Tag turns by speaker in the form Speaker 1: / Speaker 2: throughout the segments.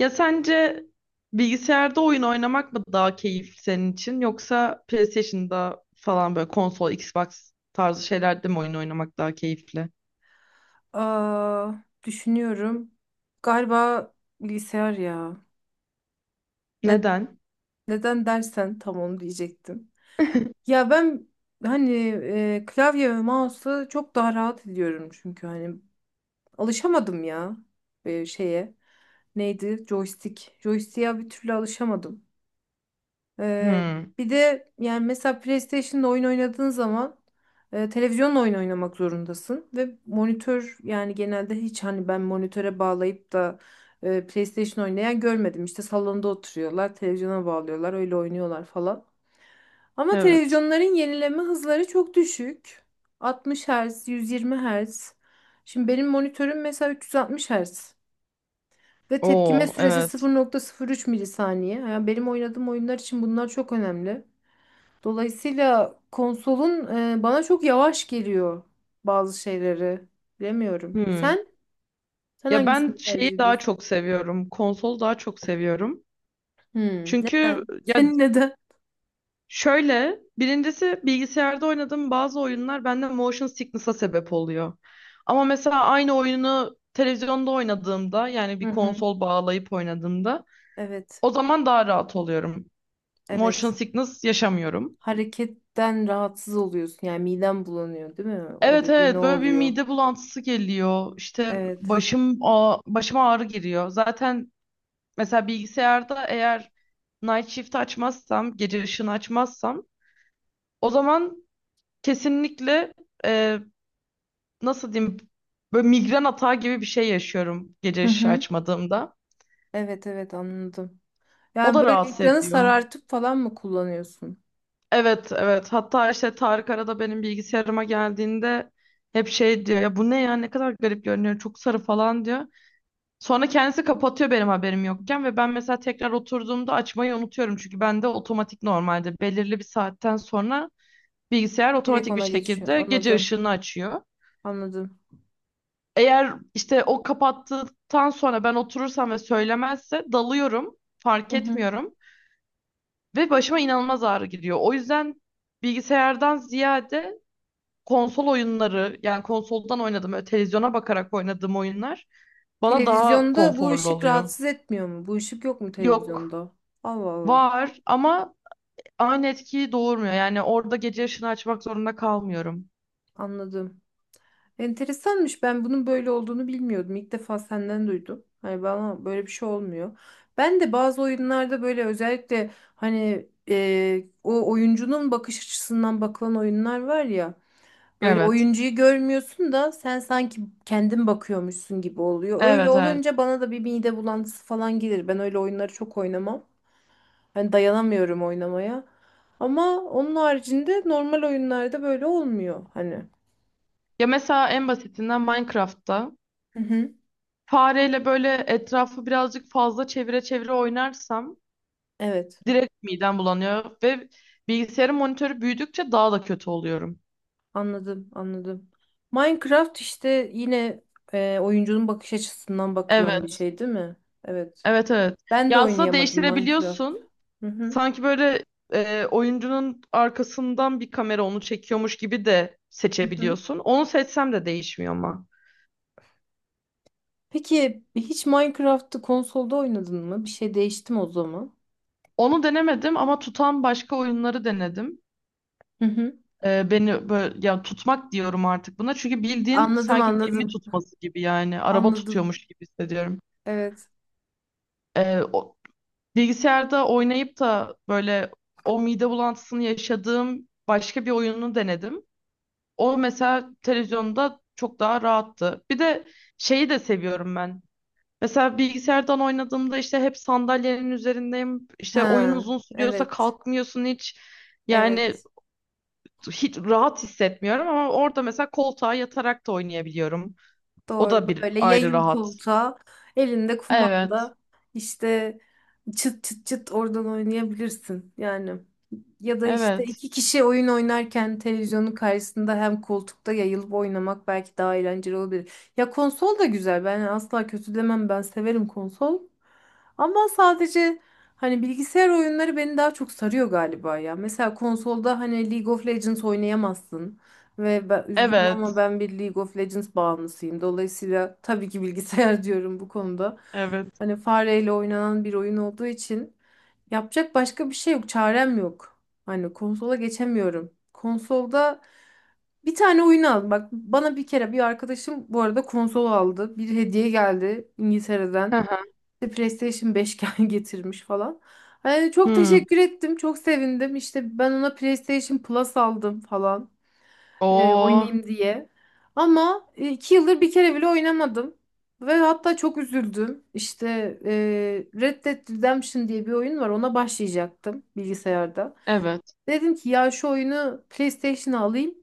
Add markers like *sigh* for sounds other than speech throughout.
Speaker 1: Ya sence bilgisayarda oyun oynamak mı daha keyifli senin için, yoksa PlayStation'da falan böyle konsol, Xbox tarzı şeylerde mi oyun oynamak daha keyifli?
Speaker 2: Aa, düşünüyorum. Galiba bilgisayar ya. Ne,
Speaker 1: Neden?
Speaker 2: neden dersen tam onu diyecektim. Ya ben hani klavye ve mouse'u çok daha rahat ediyorum çünkü hani alışamadım ya şeye. Neydi? Joystick. Joystick'e bir türlü alışamadım. Ee,
Speaker 1: Hmm,
Speaker 2: bir de yani mesela PlayStation'da oyun oynadığın zaman televizyonla oyun oynamak zorundasın ve monitör yani genelde hiç hani ben monitöre bağlayıp da PlayStation oynayan görmedim. İşte salonda oturuyorlar, televizyona bağlıyorlar, öyle oynuyorlar falan. Ama
Speaker 1: evet.
Speaker 2: televizyonların yenileme hızları çok düşük. 60 Hz, 120 Hz. Şimdi benim monitörüm mesela 360 Hz. Ve tepkime
Speaker 1: Oo,
Speaker 2: süresi
Speaker 1: evet.
Speaker 2: 0,03 milisaniye. Yani benim oynadığım oyunlar için bunlar çok önemli. Dolayısıyla konsolun bana çok yavaş geliyor bazı şeyleri. Bilemiyorum.
Speaker 1: Hmm.
Speaker 2: Sen
Speaker 1: Ya ben
Speaker 2: hangisini
Speaker 1: şeyi
Speaker 2: tercih
Speaker 1: daha
Speaker 2: ediyorsun?
Speaker 1: çok seviyorum. Konsolu daha çok seviyorum.
Speaker 2: Hmm,
Speaker 1: Çünkü
Speaker 2: neden? *laughs*
Speaker 1: ya,
Speaker 2: Senin neden?
Speaker 1: şöyle: birincisi, bilgisayarda oynadığım bazı oyunlar bende motion sickness'a sebep oluyor. Ama mesela aynı oyunu televizyonda oynadığımda, yani
Speaker 2: Hı
Speaker 1: bir
Speaker 2: hı.
Speaker 1: konsol bağlayıp oynadığımda,
Speaker 2: Evet.
Speaker 1: o zaman daha rahat oluyorum. Motion
Speaker 2: Evet.
Speaker 1: sickness yaşamıyorum.
Speaker 2: Hareketten rahatsız oluyorsun. Yani miden bulanıyor, değil mi? O
Speaker 1: Evet,
Speaker 2: dediğin ne
Speaker 1: evet, böyle bir
Speaker 2: oluyor?
Speaker 1: mide bulantısı geliyor. İşte
Speaker 2: Evet.
Speaker 1: başıma ağrı giriyor. Zaten mesela bilgisayarda eğer night shift açmazsam, gece ışığını açmazsam, o zaman kesinlikle, nasıl diyeyim, böyle migren atağı gibi bir şey yaşıyorum gece
Speaker 2: Hı
Speaker 1: ışığı
Speaker 2: hı.
Speaker 1: açmadığımda.
Speaker 2: Evet evet, anladım.
Speaker 1: O
Speaker 2: Yani
Speaker 1: da
Speaker 2: böyle
Speaker 1: rahatsız
Speaker 2: ekranı
Speaker 1: ediyor.
Speaker 2: sarartıp falan mı kullanıyorsun?
Speaker 1: Evet, evet, hatta işte Tarık arada benim bilgisayarıma geldiğinde hep şey diyor ya: bu ne ya, ne kadar garip görünüyor, çok sarı falan diyor. Sonra kendisi kapatıyor benim haberim yokken ve ben mesela tekrar oturduğumda açmayı unutuyorum. Çünkü bende otomatik, normalde belirli bir saatten sonra bilgisayar
Speaker 2: Direkt
Speaker 1: otomatik bir
Speaker 2: ona geçiyor.
Speaker 1: şekilde gece
Speaker 2: Anladım.
Speaker 1: ışığını açıyor.
Speaker 2: Anladım.
Speaker 1: Eğer işte o kapattıktan sonra ben oturursam ve söylemezse, dalıyorum,
Speaker 2: Hı
Speaker 1: fark
Speaker 2: hı.
Speaker 1: etmiyorum ve başıma inanılmaz ağrı gidiyor. O yüzden bilgisayardan ziyade konsol oyunları, yani konsoldan oynadığım, öyle televizyona bakarak oynadığım oyunlar bana daha
Speaker 2: Televizyonda bu
Speaker 1: konforlu
Speaker 2: ışık
Speaker 1: oluyor.
Speaker 2: rahatsız etmiyor mu? Bu ışık yok mu
Speaker 1: Yok,
Speaker 2: televizyonda? Allah Allah.
Speaker 1: var ama aynı etkiyi doğurmuyor. Yani orada gece ışını açmak zorunda kalmıyorum.
Speaker 2: Anladım. Enteresanmış. Ben bunun böyle olduğunu bilmiyordum. İlk defa senden duydum. Hani bana böyle bir şey olmuyor. Ben de bazı oyunlarda böyle özellikle hani o oyuncunun bakış açısından bakılan oyunlar var ya. Böyle
Speaker 1: Evet.
Speaker 2: oyuncuyu görmüyorsun da sen sanki kendin bakıyormuşsun gibi oluyor. Öyle
Speaker 1: Evet, evet.
Speaker 2: olunca bana da bir mide bulantısı falan gelir. Ben öyle oyunları çok oynamam. Hani dayanamıyorum oynamaya. Ama onun haricinde normal oyunlarda böyle olmuyor hani.
Speaker 1: Ya mesela en basitinden Minecraft'ta
Speaker 2: Hı hı.
Speaker 1: fareyle böyle etrafı birazcık fazla çevire çevire oynarsam,
Speaker 2: Evet,
Speaker 1: direkt midem bulanıyor ve bilgisayarın monitörü büyüdükçe daha da kötü oluyorum.
Speaker 2: anladım, anladım. Minecraft işte yine oyuncunun bakış açısından bakılan bir
Speaker 1: Evet,
Speaker 2: şey değil mi? Evet.
Speaker 1: evet, evet.
Speaker 2: Ben de
Speaker 1: Ya aslında
Speaker 2: oynayamadım Minecraft.
Speaker 1: değiştirebiliyorsun.
Speaker 2: Hı hı.
Speaker 1: Sanki böyle oyuncunun arkasından bir kamera onu çekiyormuş gibi de
Speaker 2: Hı hı.
Speaker 1: seçebiliyorsun. Onu seçsem de değişmiyor ama.
Speaker 2: Peki hiç Minecraft'ı konsolda oynadın mı? Bir şey değişti mi o zaman?
Speaker 1: Onu denemedim ama tutan başka oyunları denedim.
Speaker 2: Hı hı.
Speaker 1: Beni böyle, ya tutmak diyorum artık buna, çünkü bildiğin
Speaker 2: Anladım,
Speaker 1: sanki gemi
Speaker 2: anladım.
Speaker 1: tutması gibi, yani araba
Speaker 2: Anladım.
Speaker 1: tutuyormuş gibi hissediyorum.
Speaker 2: Evet.
Speaker 1: Ee, o- Bilgisayarda oynayıp da böyle o mide bulantısını yaşadığım başka bir oyunu denedim. O mesela televizyonda çok daha rahattı. Bir de şeyi de seviyorum ben. Mesela bilgisayardan oynadığımda işte hep sandalyenin üzerindeyim. İşte oyun
Speaker 2: Ha,
Speaker 1: uzun sürüyorsa
Speaker 2: evet.
Speaker 1: kalkmıyorsun hiç. Yani
Speaker 2: Evet.
Speaker 1: hiç rahat hissetmiyorum, ama orada mesela koltuğa yatarak da oynayabiliyorum. O
Speaker 2: Doğru,
Speaker 1: da bir
Speaker 2: böyle
Speaker 1: ayrı
Speaker 2: yayıl
Speaker 1: rahat.
Speaker 2: koltuğa, elinde
Speaker 1: Evet.
Speaker 2: kumanda, işte çıt çıt çıt oradan oynayabilirsin yani. Ya da işte
Speaker 1: Evet.
Speaker 2: iki kişi oyun oynarken televizyonun karşısında hem koltukta yayılıp oynamak belki daha eğlenceli olabilir. Ya konsol da güzel, ben asla kötü demem, ben severim konsol. Ama sadece hani bilgisayar oyunları beni daha çok sarıyor galiba ya. Mesela konsolda hani League of Legends oynayamazsın. Ve ben üzgünüm ama
Speaker 1: Evet.
Speaker 2: ben bir League of Legends bağımlısıyım. Dolayısıyla tabii ki bilgisayar *laughs* diyorum bu konuda.
Speaker 1: Evet.
Speaker 2: Hani fareyle oynanan bir oyun olduğu için yapacak başka bir şey yok. Çarem yok. Hani konsola geçemiyorum. Konsolda bir tane oyun al. Bak, bana bir kere bir arkadaşım bu arada konsol aldı. Bir hediye geldi
Speaker 1: Hı
Speaker 2: İngiltere'den.
Speaker 1: hı.
Speaker 2: İşte PlayStation 5 *laughs* getirmiş falan. Hani çok
Speaker 1: Hmm.
Speaker 2: teşekkür ettim. Çok sevindim. İşte ben ona PlayStation Plus aldım falan
Speaker 1: Oo.
Speaker 2: oynayayım diye. Ama 2 yıldır bir kere bile oynamadım. Ve hatta çok üzüldüm. İşte Red Dead Redemption diye bir oyun var. Ona başlayacaktım bilgisayarda.
Speaker 1: Evet.
Speaker 2: Dedim ki ya şu oyunu PlayStation'a alayım.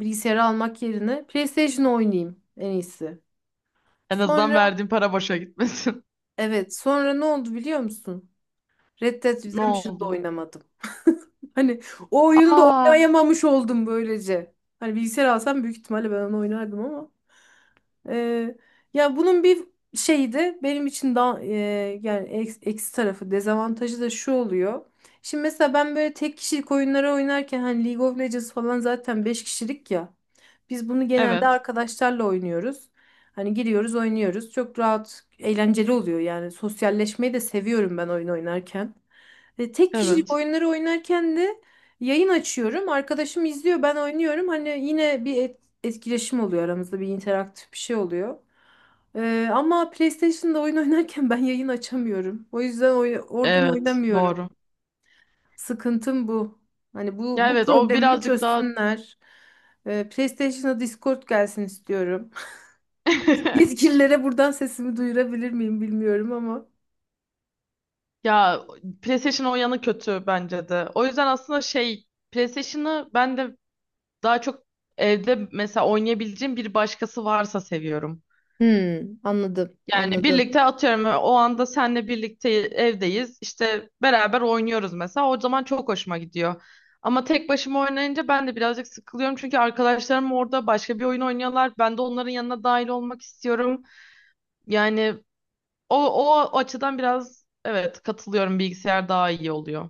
Speaker 2: Bilgisayara almak yerine PlayStation'a oynayayım en iyisi.
Speaker 1: En azından
Speaker 2: Sonra,
Speaker 1: verdiğim para boşa gitmesin. *laughs*
Speaker 2: evet, sonra ne oldu biliyor musun? Red Dead
Speaker 1: Ne
Speaker 2: Redemption'da
Speaker 1: oldu?
Speaker 2: oynamadım. *laughs* Hani o oyunu da
Speaker 1: Aa,
Speaker 2: oynayamamış oldum böylece. Hani bilgisayar alsam büyük ihtimalle ben onu oynardım ama. Ee, ya bunun bir şeyi de benim için daha yani eksi tarafı, dezavantajı da şu oluyor. Şimdi mesela ben böyle tek kişilik oyunlara oynarken hani League of Legends falan zaten 5 kişilik ya. Biz bunu genelde
Speaker 1: evet.
Speaker 2: arkadaşlarla oynuyoruz. Hani giriyoruz, oynuyoruz. Çok rahat, eğlenceli oluyor yani. Sosyalleşmeyi de seviyorum ben oyun oynarken. Tek kişilik
Speaker 1: Evet.
Speaker 2: oyunları oynarken de yayın açıyorum. Arkadaşım izliyor, ben oynuyorum. Hani yine bir etkileşim oluyor aramızda, bir interaktif bir şey oluyor. Ama PlayStation'da oyun *laughs* oynarken ben yayın açamıyorum. O yüzden oradan
Speaker 1: Evet,
Speaker 2: oynamıyorum.
Speaker 1: doğru.
Speaker 2: Sıkıntım bu. Hani bu
Speaker 1: Ya
Speaker 2: bu
Speaker 1: evet, o
Speaker 2: problemimi
Speaker 1: birazcık daha
Speaker 2: çözsünler. PlayStation'a Discord gelsin istiyorum. *laughs*
Speaker 1: *laughs*
Speaker 2: Yetkililere buradan sesimi duyurabilir miyim bilmiyorum ama.
Speaker 1: ya, PlayStation o yanı kötü bence de. O yüzden aslında şey, PlayStation'ı ben de daha çok evde mesela oynayabileceğim bir başkası varsa seviyorum.
Speaker 2: Hmm, anladım,
Speaker 1: Yani
Speaker 2: anladım.
Speaker 1: birlikte, atıyorum o anda senle birlikte evdeyiz. İşte beraber oynuyoruz mesela. O zaman çok hoşuma gidiyor. Ama tek başıma oynayınca ben de birazcık sıkılıyorum. Çünkü arkadaşlarım orada başka bir oyun oynuyorlar. Ben de onların yanına dahil olmak istiyorum. Yani o açıdan biraz, evet, katılıyorum, bilgisayar daha iyi oluyor.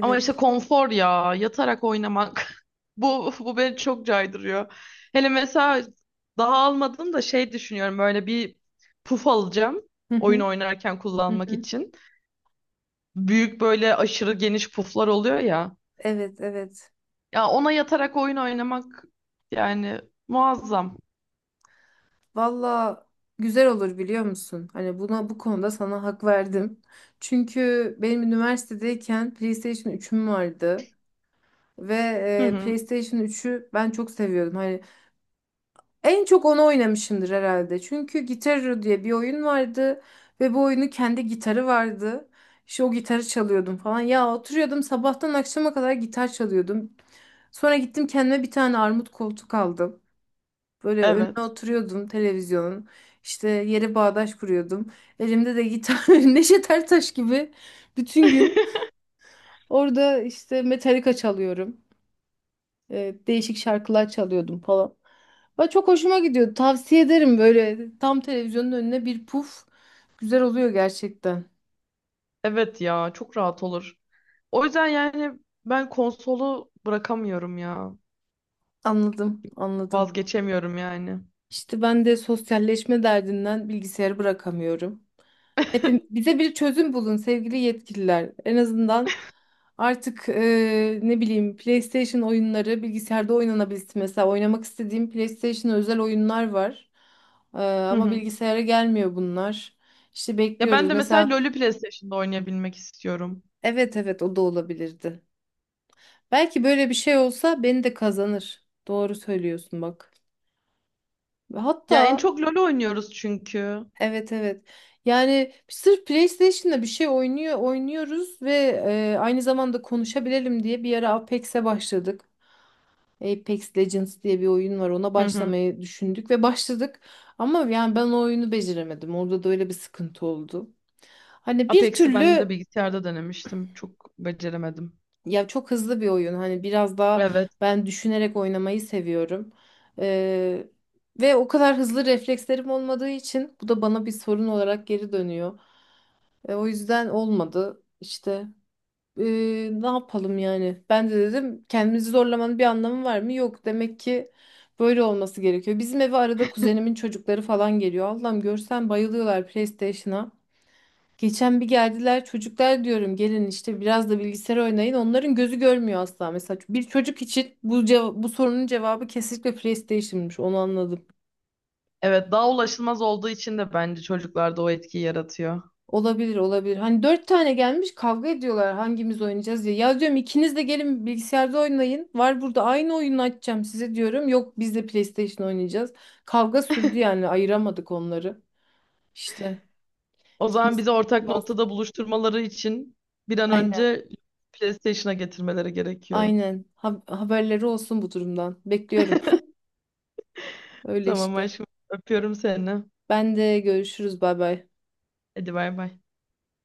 Speaker 1: Ama işte konfor ya, yatarak oynamak. *laughs* Bu beni çok caydırıyor. Hele mesela, daha almadım da, şey düşünüyorum, böyle bir puf alacağım
Speaker 2: Hı
Speaker 1: oyun
Speaker 2: hı.
Speaker 1: oynarken
Speaker 2: Hı
Speaker 1: kullanmak
Speaker 2: hı.
Speaker 1: için. Büyük, böyle aşırı geniş puflar oluyor ya.
Speaker 2: Evet, evet.
Speaker 1: Ya ona yatarak oyun oynamak, yani muazzam.
Speaker 2: Valla güzel olur biliyor musun? Hani buna, bu konuda sana hak verdim. Çünkü benim üniversitedeyken PlayStation 3'üm vardı ve
Speaker 1: Hı hı,
Speaker 2: PlayStation 3'ü ben çok seviyordum. Hani en çok onu oynamışımdır herhalde. Çünkü Guitar Hero diye bir oyun vardı ve bu oyunu kendi gitarı vardı. İşte o gitarı çalıyordum falan. Ya oturuyordum sabahtan akşama kadar gitar çalıyordum. Sonra gittim kendime bir tane armut koltuk aldım. Böyle önüne
Speaker 1: evet.
Speaker 2: oturuyordum televizyonun. İşte yere bağdaş kuruyordum. Elimde de gitar, *laughs* Neşet Ertaş gibi bütün gün
Speaker 1: *laughs*
Speaker 2: orada işte Metallica çalıyorum. Değişik şarkılar çalıyordum falan. Ve çok hoşuma gidiyordu. Tavsiye ederim, böyle tam televizyonun önüne bir puf. Güzel oluyor gerçekten.
Speaker 1: Evet ya, çok rahat olur. O yüzden yani ben konsolu bırakamıyorum ya.
Speaker 2: Anladım, anladım.
Speaker 1: Vazgeçemiyorum yani.
Speaker 2: İşte ben de sosyalleşme derdinden bilgisayarı bırakamıyorum.
Speaker 1: *laughs*
Speaker 2: Hepim bize bir çözüm bulun sevgili yetkililer. En azından artık ne bileyim, PlayStation oyunları bilgisayarda oynanabilsin. Mesela oynamak istediğim PlayStation özel oyunlar var. Eee,
Speaker 1: Hı
Speaker 2: ama
Speaker 1: hı.
Speaker 2: bilgisayara gelmiyor bunlar. İşte
Speaker 1: Ya ben
Speaker 2: bekliyoruz.
Speaker 1: de mesela
Speaker 2: Mesela.
Speaker 1: LoL'ü PlayStation'da oynayabilmek istiyorum.
Speaker 2: Evet, evet, o da olabilirdi. Belki böyle bir şey olsa beni de kazanır. Doğru söylüyorsun bak. Ve
Speaker 1: Ya en
Speaker 2: hatta.
Speaker 1: çok LoL oynuyoruz çünkü.
Speaker 2: Evet, evet. Yani sırf PlayStation'da bir şey oynuyoruz ve aynı zamanda konuşabilelim diye bir ara Apex'e başladık. Apex Legends diye bir oyun var. Ona
Speaker 1: Hı hı.
Speaker 2: başlamayı düşündük ve başladık. Ama yani ben o oyunu beceremedim. Orada da öyle bir sıkıntı oldu. Hani bir
Speaker 1: Apex'i ben de
Speaker 2: türlü.
Speaker 1: bilgisayarda denemiştim. Çok beceremedim.
Speaker 2: Ya, çok hızlı bir oyun. Hani biraz daha
Speaker 1: Evet.
Speaker 2: ben düşünerek oynamayı seviyorum. Ee, ve o kadar hızlı reflekslerim olmadığı için bu da bana bir sorun olarak geri dönüyor. O yüzden olmadı işte. E, ne yapalım yani? Ben de dedim, kendimizi zorlamanın bir anlamı var mı? Yok demek ki, böyle olması gerekiyor. Bizim eve arada kuzenimin çocukları falan geliyor. Allah'ım, görsen bayılıyorlar PlayStation'a. Geçen bir geldiler, çocuklar diyorum, gelin işte biraz da bilgisayar oynayın. Onların gözü görmüyor asla. Mesela bir çocuk için bu sorunun cevabı kesinlikle PlayStation'mış, onu anladım.
Speaker 1: Evet, daha ulaşılmaz olduğu için de bence çocuklarda o etkiyi yaratıyor.
Speaker 2: Olabilir olabilir. Hani 4 tane gelmiş, kavga ediyorlar hangimiz oynayacağız diye. Ya, diyorum, ikiniz de gelin bilgisayarda oynayın. Var burada, aynı oyunu açacağım size diyorum. Yok, biz de PlayStation oynayacağız. Kavga sürdü
Speaker 1: *laughs*
Speaker 2: yani, ayıramadık onları. İşte
Speaker 1: O zaman
Speaker 2: kimisi
Speaker 1: bizi ortak
Speaker 2: baskı.
Speaker 1: noktada buluşturmaları için bir an
Speaker 2: Aynen
Speaker 1: önce PlayStation'a getirmeleri gerekiyor.
Speaker 2: aynen. Haberleri olsun bu durumdan. Bekliyorum. *laughs* Öyle
Speaker 1: Tamam
Speaker 2: işte.
Speaker 1: aşkım, öpüyorum seni.
Speaker 2: Ben de görüşürüz, bay bay.
Speaker 1: Hadi bay bay.